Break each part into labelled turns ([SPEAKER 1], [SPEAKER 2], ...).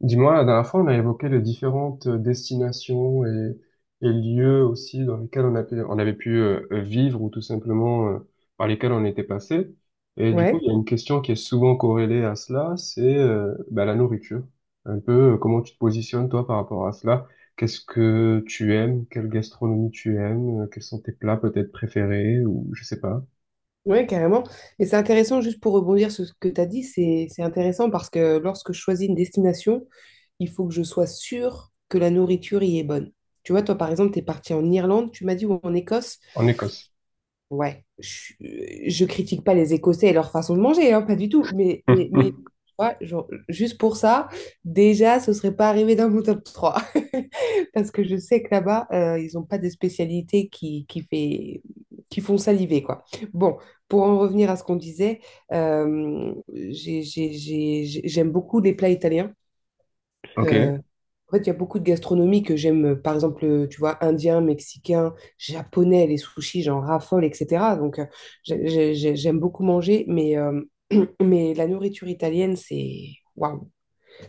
[SPEAKER 1] Dis-moi, la dernière fois, on a évoqué les différentes destinations et lieux aussi dans lesquels on avait pu vivre ou tout simplement par lesquels on était passé. Et du coup,
[SPEAKER 2] Ouais,
[SPEAKER 1] il y a une question qui est souvent corrélée à cela, c'est la nourriture. Un peu, comment tu te positionnes toi par rapport à cela? Qu'est-ce que tu aimes? Quelle gastronomie tu aimes? Quels sont tes plats peut-être préférés ou je sais pas,
[SPEAKER 2] ouais, carrément. Et c'est intéressant, juste pour rebondir sur ce que tu as dit, c'est intéressant parce que lorsque je choisis une destination, il faut que je sois sûre que la nourriture y est bonne. Tu vois, toi, par exemple, tu es parti en Irlande, tu m'as dit, ou en Écosse.
[SPEAKER 1] en Écosse.
[SPEAKER 2] Ouais, je critique pas les Écossais et leur façon de manger, hein, pas du tout, mais tu vois, genre, juste pour ça, déjà, ce serait pas arrivé dans mon top 3. Parce que je sais que là-bas, ils ont pas des spécialités qui font saliver, quoi. Bon, pour en revenir à ce qu'on disait, j'aime beaucoup les plats italiens.
[SPEAKER 1] Ok.
[SPEAKER 2] Euh, en fait, il y a beaucoup de gastronomie que j'aime, par exemple, tu vois, indien, mexicain, japonais, les sushis, j'en raffole, etc. Donc, j'aime beaucoup manger, mais, mais la nourriture italienne, c'est. Waouh!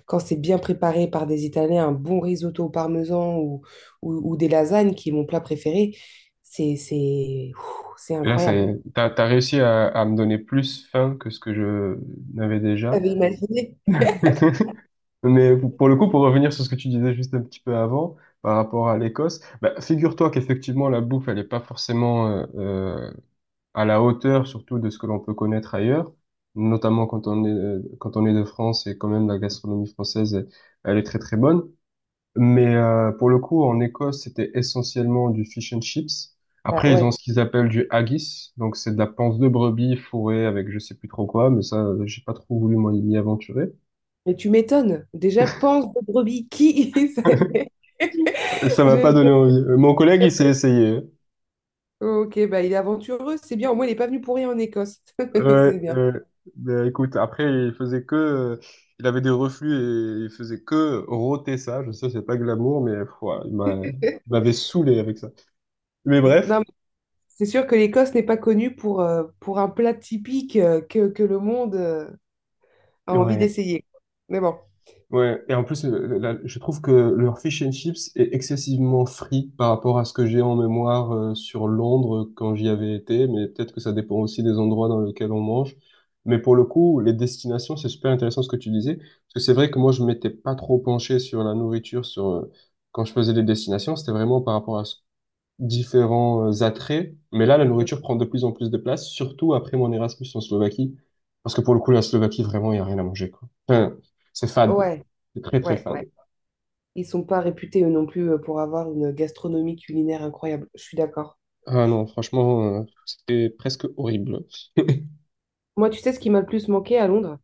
[SPEAKER 2] Quand c'est bien préparé par des Italiens, un bon risotto au parmesan ou des lasagnes, qui est mon plat préféré, c'est ouh, c'est
[SPEAKER 1] Et là, ça y
[SPEAKER 2] incroyable.
[SPEAKER 1] est, t'as réussi à me donner plus faim que ce que je n'avais déjà.
[SPEAKER 2] T'avais imaginé?
[SPEAKER 1] Mais pour le coup, pour revenir sur ce que tu disais juste un petit peu avant, par rapport à l'Écosse, bah, figure-toi qu'effectivement, la bouffe, elle n'est pas forcément à la hauteur, surtout de ce que l'on peut connaître ailleurs, notamment quand on est de France, et quand même la gastronomie française, elle est très très bonne. Mais pour le coup, en Écosse, c'était essentiellement du fish and chips.
[SPEAKER 2] Ah
[SPEAKER 1] Après, ils
[SPEAKER 2] ouais.
[SPEAKER 1] ont ce qu'ils appellent du haggis, donc c'est de la panse de brebis fourrée avec je sais plus trop quoi, mais ça, j'ai pas trop voulu m'y aventurer.
[SPEAKER 2] Mais tu m'étonnes. Déjà, pense de brebis c'est-
[SPEAKER 1] Ça m'a pas donné
[SPEAKER 2] je-
[SPEAKER 1] envie. Mon collègue, il s'est essayé.
[SPEAKER 2] Ok, bah il est aventureux, c'est bien. Au moins, il n'est pas venu pour rien en Écosse.
[SPEAKER 1] Ouais,
[SPEAKER 2] C'est bien.
[SPEAKER 1] bah, écoute, après, il faisait que, il avait des reflux et il faisait que rôter ça. Je sais, c'est pas glamour, mais pff, ouais, il m'avait saoulé avec ça. Mais bref,
[SPEAKER 2] Non, mais c'est sûr que l'Écosse n'est pas connue pour un plat typique que le monde a envie
[SPEAKER 1] ouais.
[SPEAKER 2] d'essayer. Mais bon,
[SPEAKER 1] Ouais, et en plus, je trouve que leur fish and chips est excessivement free par rapport à ce que j'ai en mémoire sur Londres quand j'y avais été, mais peut-être que ça dépend aussi des endroits dans lesquels on mange. Mais pour le coup, les destinations, c'est super intéressant ce que tu disais, parce que c'est vrai que moi, je m'étais pas trop penché sur la nourriture, sur quand je faisais des destinations, c'était vraiment par rapport à ce différents attraits. Mais là, la nourriture prend de plus en plus de place, surtout après mon Erasmus en Slovaquie. Parce que pour le coup, la Slovaquie, vraiment, il n'y a rien à manger, quoi. Enfin, c'est fade.
[SPEAKER 2] ouais,
[SPEAKER 1] C'est très, très
[SPEAKER 2] ouais,
[SPEAKER 1] fade.
[SPEAKER 2] ouais. Ils sont pas réputés eux non plus pour avoir une gastronomie culinaire incroyable. Je suis d'accord.
[SPEAKER 1] Ah non, franchement, c'était presque horrible.
[SPEAKER 2] Moi, tu sais ce qui m'a le plus manqué à Londres?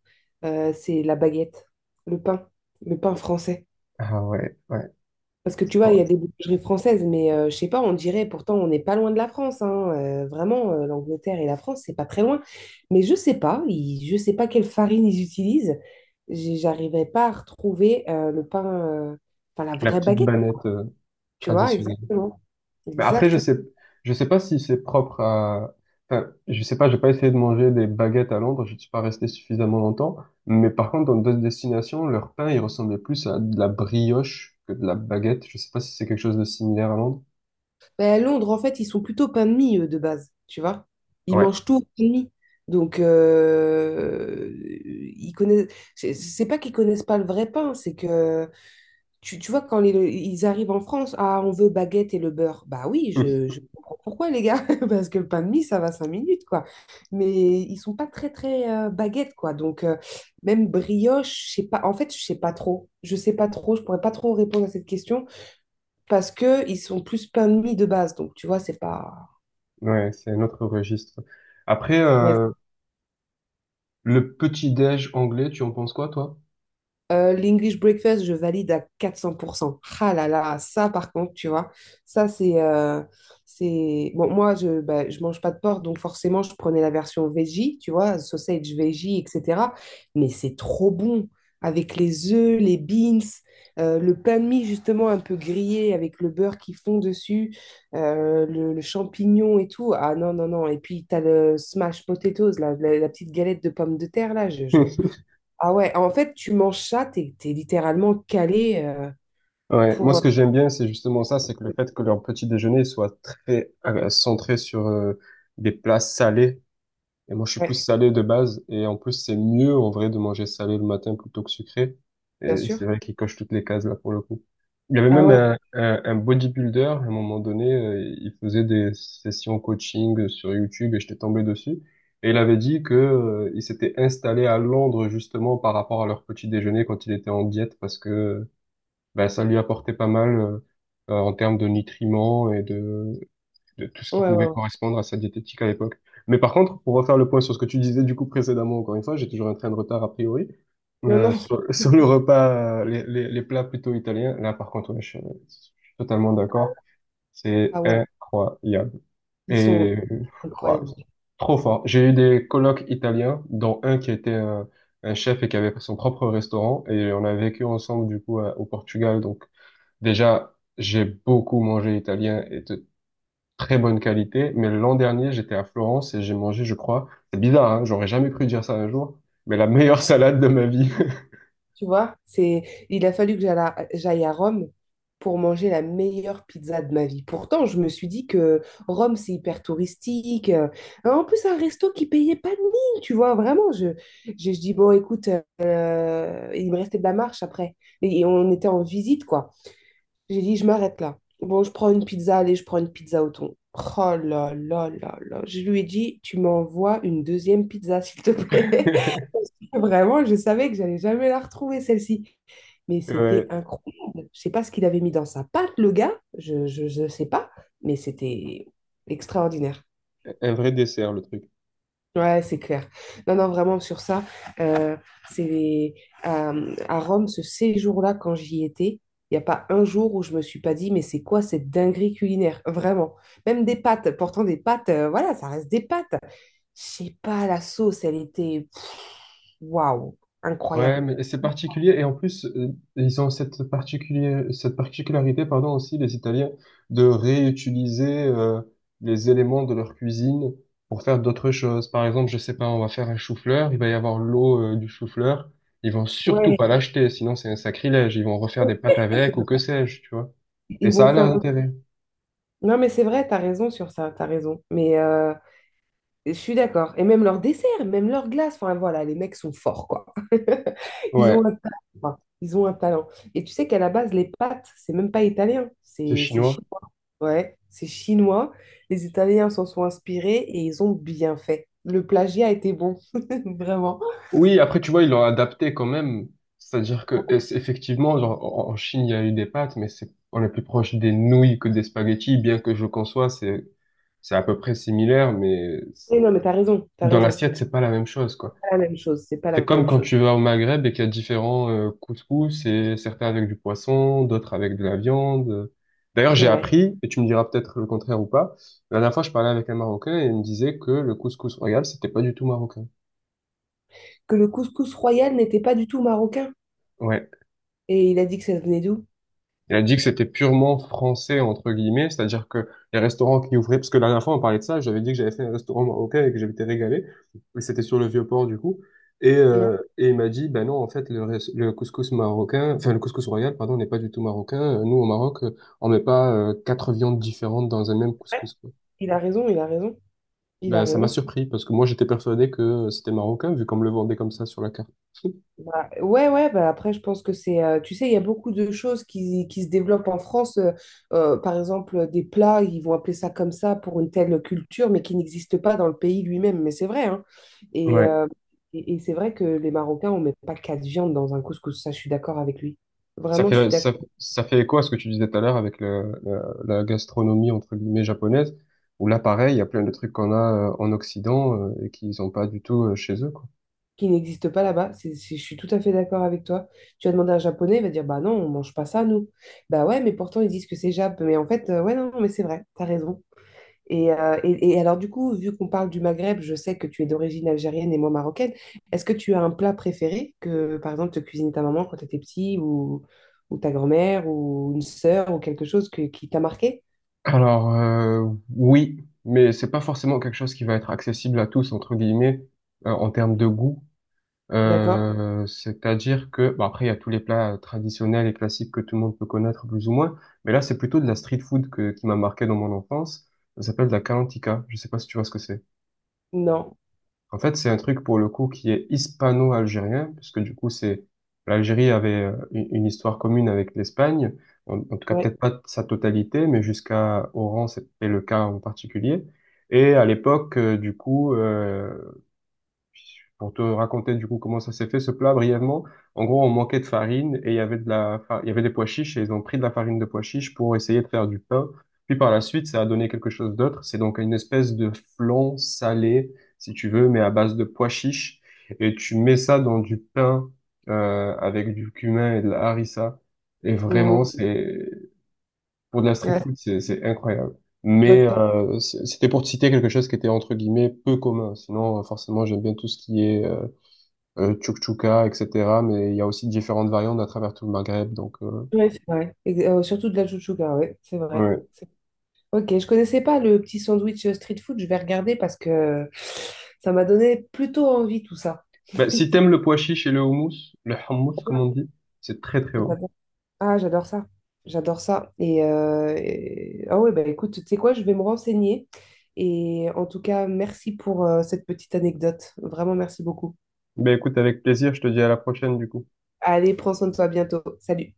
[SPEAKER 2] C'est la baguette, le pain, le pain français.
[SPEAKER 1] Ah ouais, ouais.
[SPEAKER 2] Parce que tu vois, il y
[SPEAKER 1] Oh,
[SPEAKER 2] a des boulangeries françaises, mais je sais pas, on dirait pourtant on n'est pas loin de la France, hein. Vraiment, l'Angleterre et la France, c'est pas très loin. Mais je sais pas, je sais pas quelle farine ils utilisent. J'arrivais pas à retrouver le pain, enfin la
[SPEAKER 1] la
[SPEAKER 2] vraie
[SPEAKER 1] petite
[SPEAKER 2] baguette,
[SPEAKER 1] banette,
[SPEAKER 2] tu vois,
[SPEAKER 1] traditionnelle.
[SPEAKER 2] exactement.
[SPEAKER 1] Mais après,
[SPEAKER 2] Exact.
[SPEAKER 1] je sais pas si c'est propre à. Enfin, je sais pas, j'ai pas essayé de manger des baguettes à Londres, je suis pas resté suffisamment longtemps. Mais par contre, dans d'autres destinations, leur pain, il ressemblait plus à de la brioche que de la baguette. Je sais pas si c'est quelque chose de similaire à Londres.
[SPEAKER 2] Mais à Londres, en fait, ils sont plutôt pain de mie, eux, de base, tu vois. Ils
[SPEAKER 1] Ouais,
[SPEAKER 2] mangent tout au pain de mie. Donc, ils connaissent. C'est pas qu'ils connaissent pas le vrai pain, c'est que. Tu vois, quand ils arrivent en France, ah, on veut baguette et le beurre. Bah oui, je comprends pourquoi, les gars, parce que le pain de mie, ça va 5 minutes, quoi. Mais ils sont pas très, très baguette, quoi. Donc, même brioche, je sais pas, en fait, je sais pas trop. Je sais pas trop, je pourrais pas trop répondre à cette question parce que ils sont plus pain de mie de base. Donc, tu vois, c'est pas.
[SPEAKER 1] ouais, c'est un autre registre. Après,
[SPEAKER 2] Ouais.
[SPEAKER 1] le petit-déj anglais, tu en penses quoi, toi?
[SPEAKER 2] L'English breakfast, je valide à 400%. Ah là là, ça par contre, tu vois, ça c'est. C'est. Bon, moi, je bah, je mange pas de porc, donc forcément, je prenais la version veggie, tu vois, sausage veggie, etc. Mais c'est trop bon avec les œufs, les beans, le pain de mie justement un peu grillé avec le beurre qui fond dessus, le champignon et tout. Ah non, non, non. Et puis, tu as le smash potatoes, la petite galette de pommes de terre, là, ah ouais, en fait, tu manges ça, t'es littéralement calé
[SPEAKER 1] Ouais, moi
[SPEAKER 2] pour...
[SPEAKER 1] ce
[SPEAKER 2] euh,
[SPEAKER 1] que j'aime bien, c'est justement ça, c'est que le fait que leur petit déjeuner soit très centré sur des plats salés. Et moi je suis plus
[SPEAKER 2] Ouais,
[SPEAKER 1] salé de base, et en plus c'est mieux en vrai de manger salé le matin plutôt que sucré.
[SPEAKER 2] bien
[SPEAKER 1] Et
[SPEAKER 2] sûr.
[SPEAKER 1] c'est vrai qu'ils cochent toutes les cases là pour le coup. Il y avait
[SPEAKER 2] Ah
[SPEAKER 1] même
[SPEAKER 2] ouais,
[SPEAKER 1] un bodybuilder, à un moment donné, il faisait des sessions coaching sur YouTube et j'étais tombé dessus. Et il avait dit que, il s'était installé à Londres justement par rapport à leur petit déjeuner quand il était en diète parce que ben, ça lui apportait pas mal en termes de nutriments de tout ce
[SPEAKER 2] ouais,
[SPEAKER 1] qui
[SPEAKER 2] ouais.
[SPEAKER 1] pouvait
[SPEAKER 2] Ouais.
[SPEAKER 1] correspondre à sa diététique à l'époque. Mais par contre, pour refaire le point sur ce que tu disais du coup précédemment, encore une fois, j'ai toujours un train de retard a priori.
[SPEAKER 2] Non, non,
[SPEAKER 1] Sur, sur le repas, les plats plutôt italiens, là par contre, ouais, je suis totalement d'accord. C'est
[SPEAKER 2] ah ouais,
[SPEAKER 1] incroyable.
[SPEAKER 2] ils sont
[SPEAKER 1] Et ouais,
[SPEAKER 2] incroyables.
[SPEAKER 1] c'est trop fort. J'ai eu des colocs italiens, dont un qui était un chef et qui avait son propre restaurant. Et on a vécu ensemble du coup au Portugal. Donc déjà, j'ai beaucoup mangé italien et de très bonne qualité, mais l'an dernier, j'étais à Florence et j'ai mangé, je crois, c'est bizarre, hein, j'aurais jamais cru dire ça un jour, mais la meilleure salade de ma vie.
[SPEAKER 2] Tu vois, c'est. Il a fallu que j'aille à Rome pour manger la meilleure pizza de ma vie. Pourtant, je me suis dit que Rome, c'est hyper touristique. En plus, un resto qui payait pas de mine, tu vois, vraiment. Je dis, bon, écoute, il me restait de la marche après. Et on était en visite, quoi. J'ai dit, je m'arrête là. Bon, je prends une pizza, allez, je prends une pizza au thon. Oh là là là là. Je lui ai dit, tu m'envoies une deuxième pizza, s'il te plaît. Vraiment, je savais que j'allais jamais la retrouver, celle-ci. Mais c'était
[SPEAKER 1] Ouais,
[SPEAKER 2] incroyable. Je sais pas ce qu'il avait mis dans sa pâte, le gars. Je sais pas. Mais c'était extraordinaire.
[SPEAKER 1] un vrai dessert, le truc.
[SPEAKER 2] Ouais, c'est clair. Non, non, vraiment, sur ça, euh, c'est à, Rome, ce séjour-là, quand j'y étais, il n'y a pas un jour où je me suis pas dit, mais c'est quoi cette dinguerie culinaire? Vraiment. Même des pâtes, pourtant des pâtes, voilà, ça reste des pâtes. Je sais pas, la sauce, elle était, pff, waouh,
[SPEAKER 1] Ouais,
[SPEAKER 2] incroyable.
[SPEAKER 1] mais c'est particulier et en plus ils ont cette particulier cette particularité pardon aussi les Italiens de réutiliser les éléments de leur cuisine pour faire d'autres choses. Par exemple, je sais pas, on va faire un chou-fleur, il va y avoir l'eau du chou-fleur, ils vont surtout
[SPEAKER 2] Ouais,
[SPEAKER 1] pas l'acheter sinon c'est un sacrilège, ils vont refaire des pâtes avec ou que sais-je, tu vois. Et
[SPEAKER 2] ils
[SPEAKER 1] ça
[SPEAKER 2] vont
[SPEAKER 1] a
[SPEAKER 2] faire.
[SPEAKER 1] l'intérêt.
[SPEAKER 2] Non, mais c'est vrai, t'as raison sur ça, t'as raison. Mais je suis d'accord. Et même leur dessert, même leur glace, enfin voilà, les mecs sont forts, quoi. Ils ont
[SPEAKER 1] Ouais,
[SPEAKER 2] un talent, quoi. Ils ont un talent. Et tu sais qu'à la base, les pâtes, c'est même pas italien,
[SPEAKER 1] c'est
[SPEAKER 2] c'est
[SPEAKER 1] chinois.
[SPEAKER 2] chinois. Ouais, c'est chinois. Les Italiens s'en sont inspirés et ils ont bien fait. Le plagiat était bon, vraiment.
[SPEAKER 1] Oui, après, tu vois, ils l'ont adapté quand même. C'est-à-dire que, effectivement, genre, en Chine, il y a eu des pâtes, mais c'est, on est plus proche des nouilles que des spaghettis, bien que je conçois, c'est à peu près similaire, mais
[SPEAKER 2] Et non, mais t'as raison, t'as
[SPEAKER 1] dans
[SPEAKER 2] raison.
[SPEAKER 1] l'assiette, c'est pas la même chose,
[SPEAKER 2] C'est
[SPEAKER 1] quoi.
[SPEAKER 2] pas la même chose, c'est pas
[SPEAKER 1] C'est
[SPEAKER 2] la
[SPEAKER 1] comme
[SPEAKER 2] même
[SPEAKER 1] quand tu
[SPEAKER 2] chose.
[SPEAKER 1] vas au Maghreb et qu'il y a différents couscous, et certains avec du poisson, d'autres avec de la viande. D'ailleurs,
[SPEAKER 2] C'est
[SPEAKER 1] j'ai
[SPEAKER 2] vrai.
[SPEAKER 1] appris, et tu me diras peut-être le contraire ou pas, la dernière fois, je parlais avec un Marocain et il me disait que le couscous royal, c'était pas du tout marocain.
[SPEAKER 2] Que le couscous royal n'était pas du tout marocain.
[SPEAKER 1] Ouais.
[SPEAKER 2] Et il a dit que ça venait d'où?
[SPEAKER 1] Il a dit que c'était purement français, entre guillemets, c'est-à-dire que les restaurants qui ouvraient, parce que la dernière fois on parlait de ça, j'avais dit que j'avais fait un restaurant marocain et que j'avais été régalé, et c'était sur le Vieux-Port du coup,
[SPEAKER 2] Non.
[SPEAKER 1] et il m'a dit, ben non, en fait, le couscous marocain, enfin le couscous royal, pardon, n'est pas du tout marocain, nous au Maroc, on met pas quatre viandes différentes dans un même
[SPEAKER 2] Ouais,
[SPEAKER 1] couscous, quoi.
[SPEAKER 2] il a raison, il a raison, il a
[SPEAKER 1] Ben ça m'a
[SPEAKER 2] raison.
[SPEAKER 1] surpris, parce que moi j'étais persuadé que c'était marocain, vu qu'on me le vendait comme ça sur la carte.
[SPEAKER 2] Bah, ouais, ouais, bah après, je pense que c'est. Tu sais, il y a beaucoup de choses qui se développent en France. Par exemple, des plats, ils vont appeler ça comme ça pour une telle culture, mais qui n'existe pas dans le pays lui-même. Mais c'est vrai, hein. Et,
[SPEAKER 1] Ouais.
[SPEAKER 2] euh, et, c'est vrai que les Marocains, on met pas quatre viandes dans un couscous. Ça, je suis d'accord avec lui.
[SPEAKER 1] Ça
[SPEAKER 2] Vraiment, je suis
[SPEAKER 1] fait,
[SPEAKER 2] d'accord.
[SPEAKER 1] ça, ça fait écho à ce que tu disais tout à l'heure avec la gastronomie, entre guillemets, japonaise, où là, pareil, il y a plein de trucs qu'on a en Occident et qu'ils n'ont pas du tout chez eux, quoi.
[SPEAKER 2] Qui n'existe pas là-bas. Je suis tout à fait d'accord avec toi. Tu vas demander à un Japonais, il va dire, bah non, on mange pas ça, nous. Bah ouais, mais pourtant, ils disent que c'est Jap. Mais en fait, ouais, non, non, mais c'est vrai, t'as raison. Et, alors, du coup, vu qu'on parle du Maghreb, je sais que tu es d'origine algérienne et moi marocaine. Est-ce que tu as un plat préféré que, par exemple, te cuisine ta maman quand tu étais petit ou, ta grand-mère ou une sœur ou quelque chose qui t'a marqué?
[SPEAKER 1] Alors, oui, mais c'est pas forcément quelque chose qui va être accessible à tous, entre guillemets, en termes de goût.
[SPEAKER 2] D'accord?
[SPEAKER 1] C'est-à-dire que, bah, après, il y a tous les plats traditionnels et classiques que tout le monde peut connaître plus ou moins, mais là, c'est plutôt de la street food que, qui m'a marqué dans mon enfance. Ça s'appelle de la kalantika. Je sais pas si tu vois ce que c'est.
[SPEAKER 2] Non.
[SPEAKER 1] En fait, c'est un truc pour le coup qui est hispano-algérien, puisque du coup, c'est l'Algérie avait une histoire commune avec l'Espagne, en tout cas
[SPEAKER 2] Ouais.
[SPEAKER 1] peut-être pas sa totalité, mais jusqu'à Oran, c'était le cas en particulier. Et à l'époque, pour te raconter du coup comment ça s'est fait ce plat brièvement, en gros on manquait de farine et il y avait il y avait des pois chiches et ils ont pris de la farine de pois chiches pour essayer de faire du pain. Puis par la suite ça a donné quelque chose d'autre. C'est donc une espèce de flan salé si tu veux, mais à base de pois chiches et tu mets ça dans du pain avec du cumin et de la harissa. Et
[SPEAKER 2] Hmm.
[SPEAKER 1] vraiment c'est pour de la street
[SPEAKER 2] Ouais, ça
[SPEAKER 1] food c'est incroyable.
[SPEAKER 2] doit être
[SPEAKER 1] Mais c'était pour te citer quelque chose qui était entre guillemets peu commun. Sinon, forcément, j'aime bien tout ce qui est tchouk-tchouka, etc. Mais il y a aussi différentes variantes à travers tout le Maghreb. Donc,
[SPEAKER 2] ouais, c'est vrai. Et, surtout de la chouchouka, ouais, c'est vrai.
[SPEAKER 1] ouais.
[SPEAKER 2] Ok, je connaissais pas le petit sandwich street food, je vais regarder parce que ça m'a donné plutôt envie tout ça.
[SPEAKER 1] Bah, si t'aimes le pois chiche et le houmous, le hummus, comme on dit, c'est très très bon.
[SPEAKER 2] J'adore- Ah, j'adore ça. J'adore ça. Ah ouais, bah écoute, tu sais quoi, je vais me renseigner. Et en tout cas, merci pour cette petite anecdote. Vraiment, merci beaucoup.
[SPEAKER 1] Ben écoute, avec plaisir, je te dis à la prochaine du coup.
[SPEAKER 2] Allez, prends soin de toi à bientôt. Salut.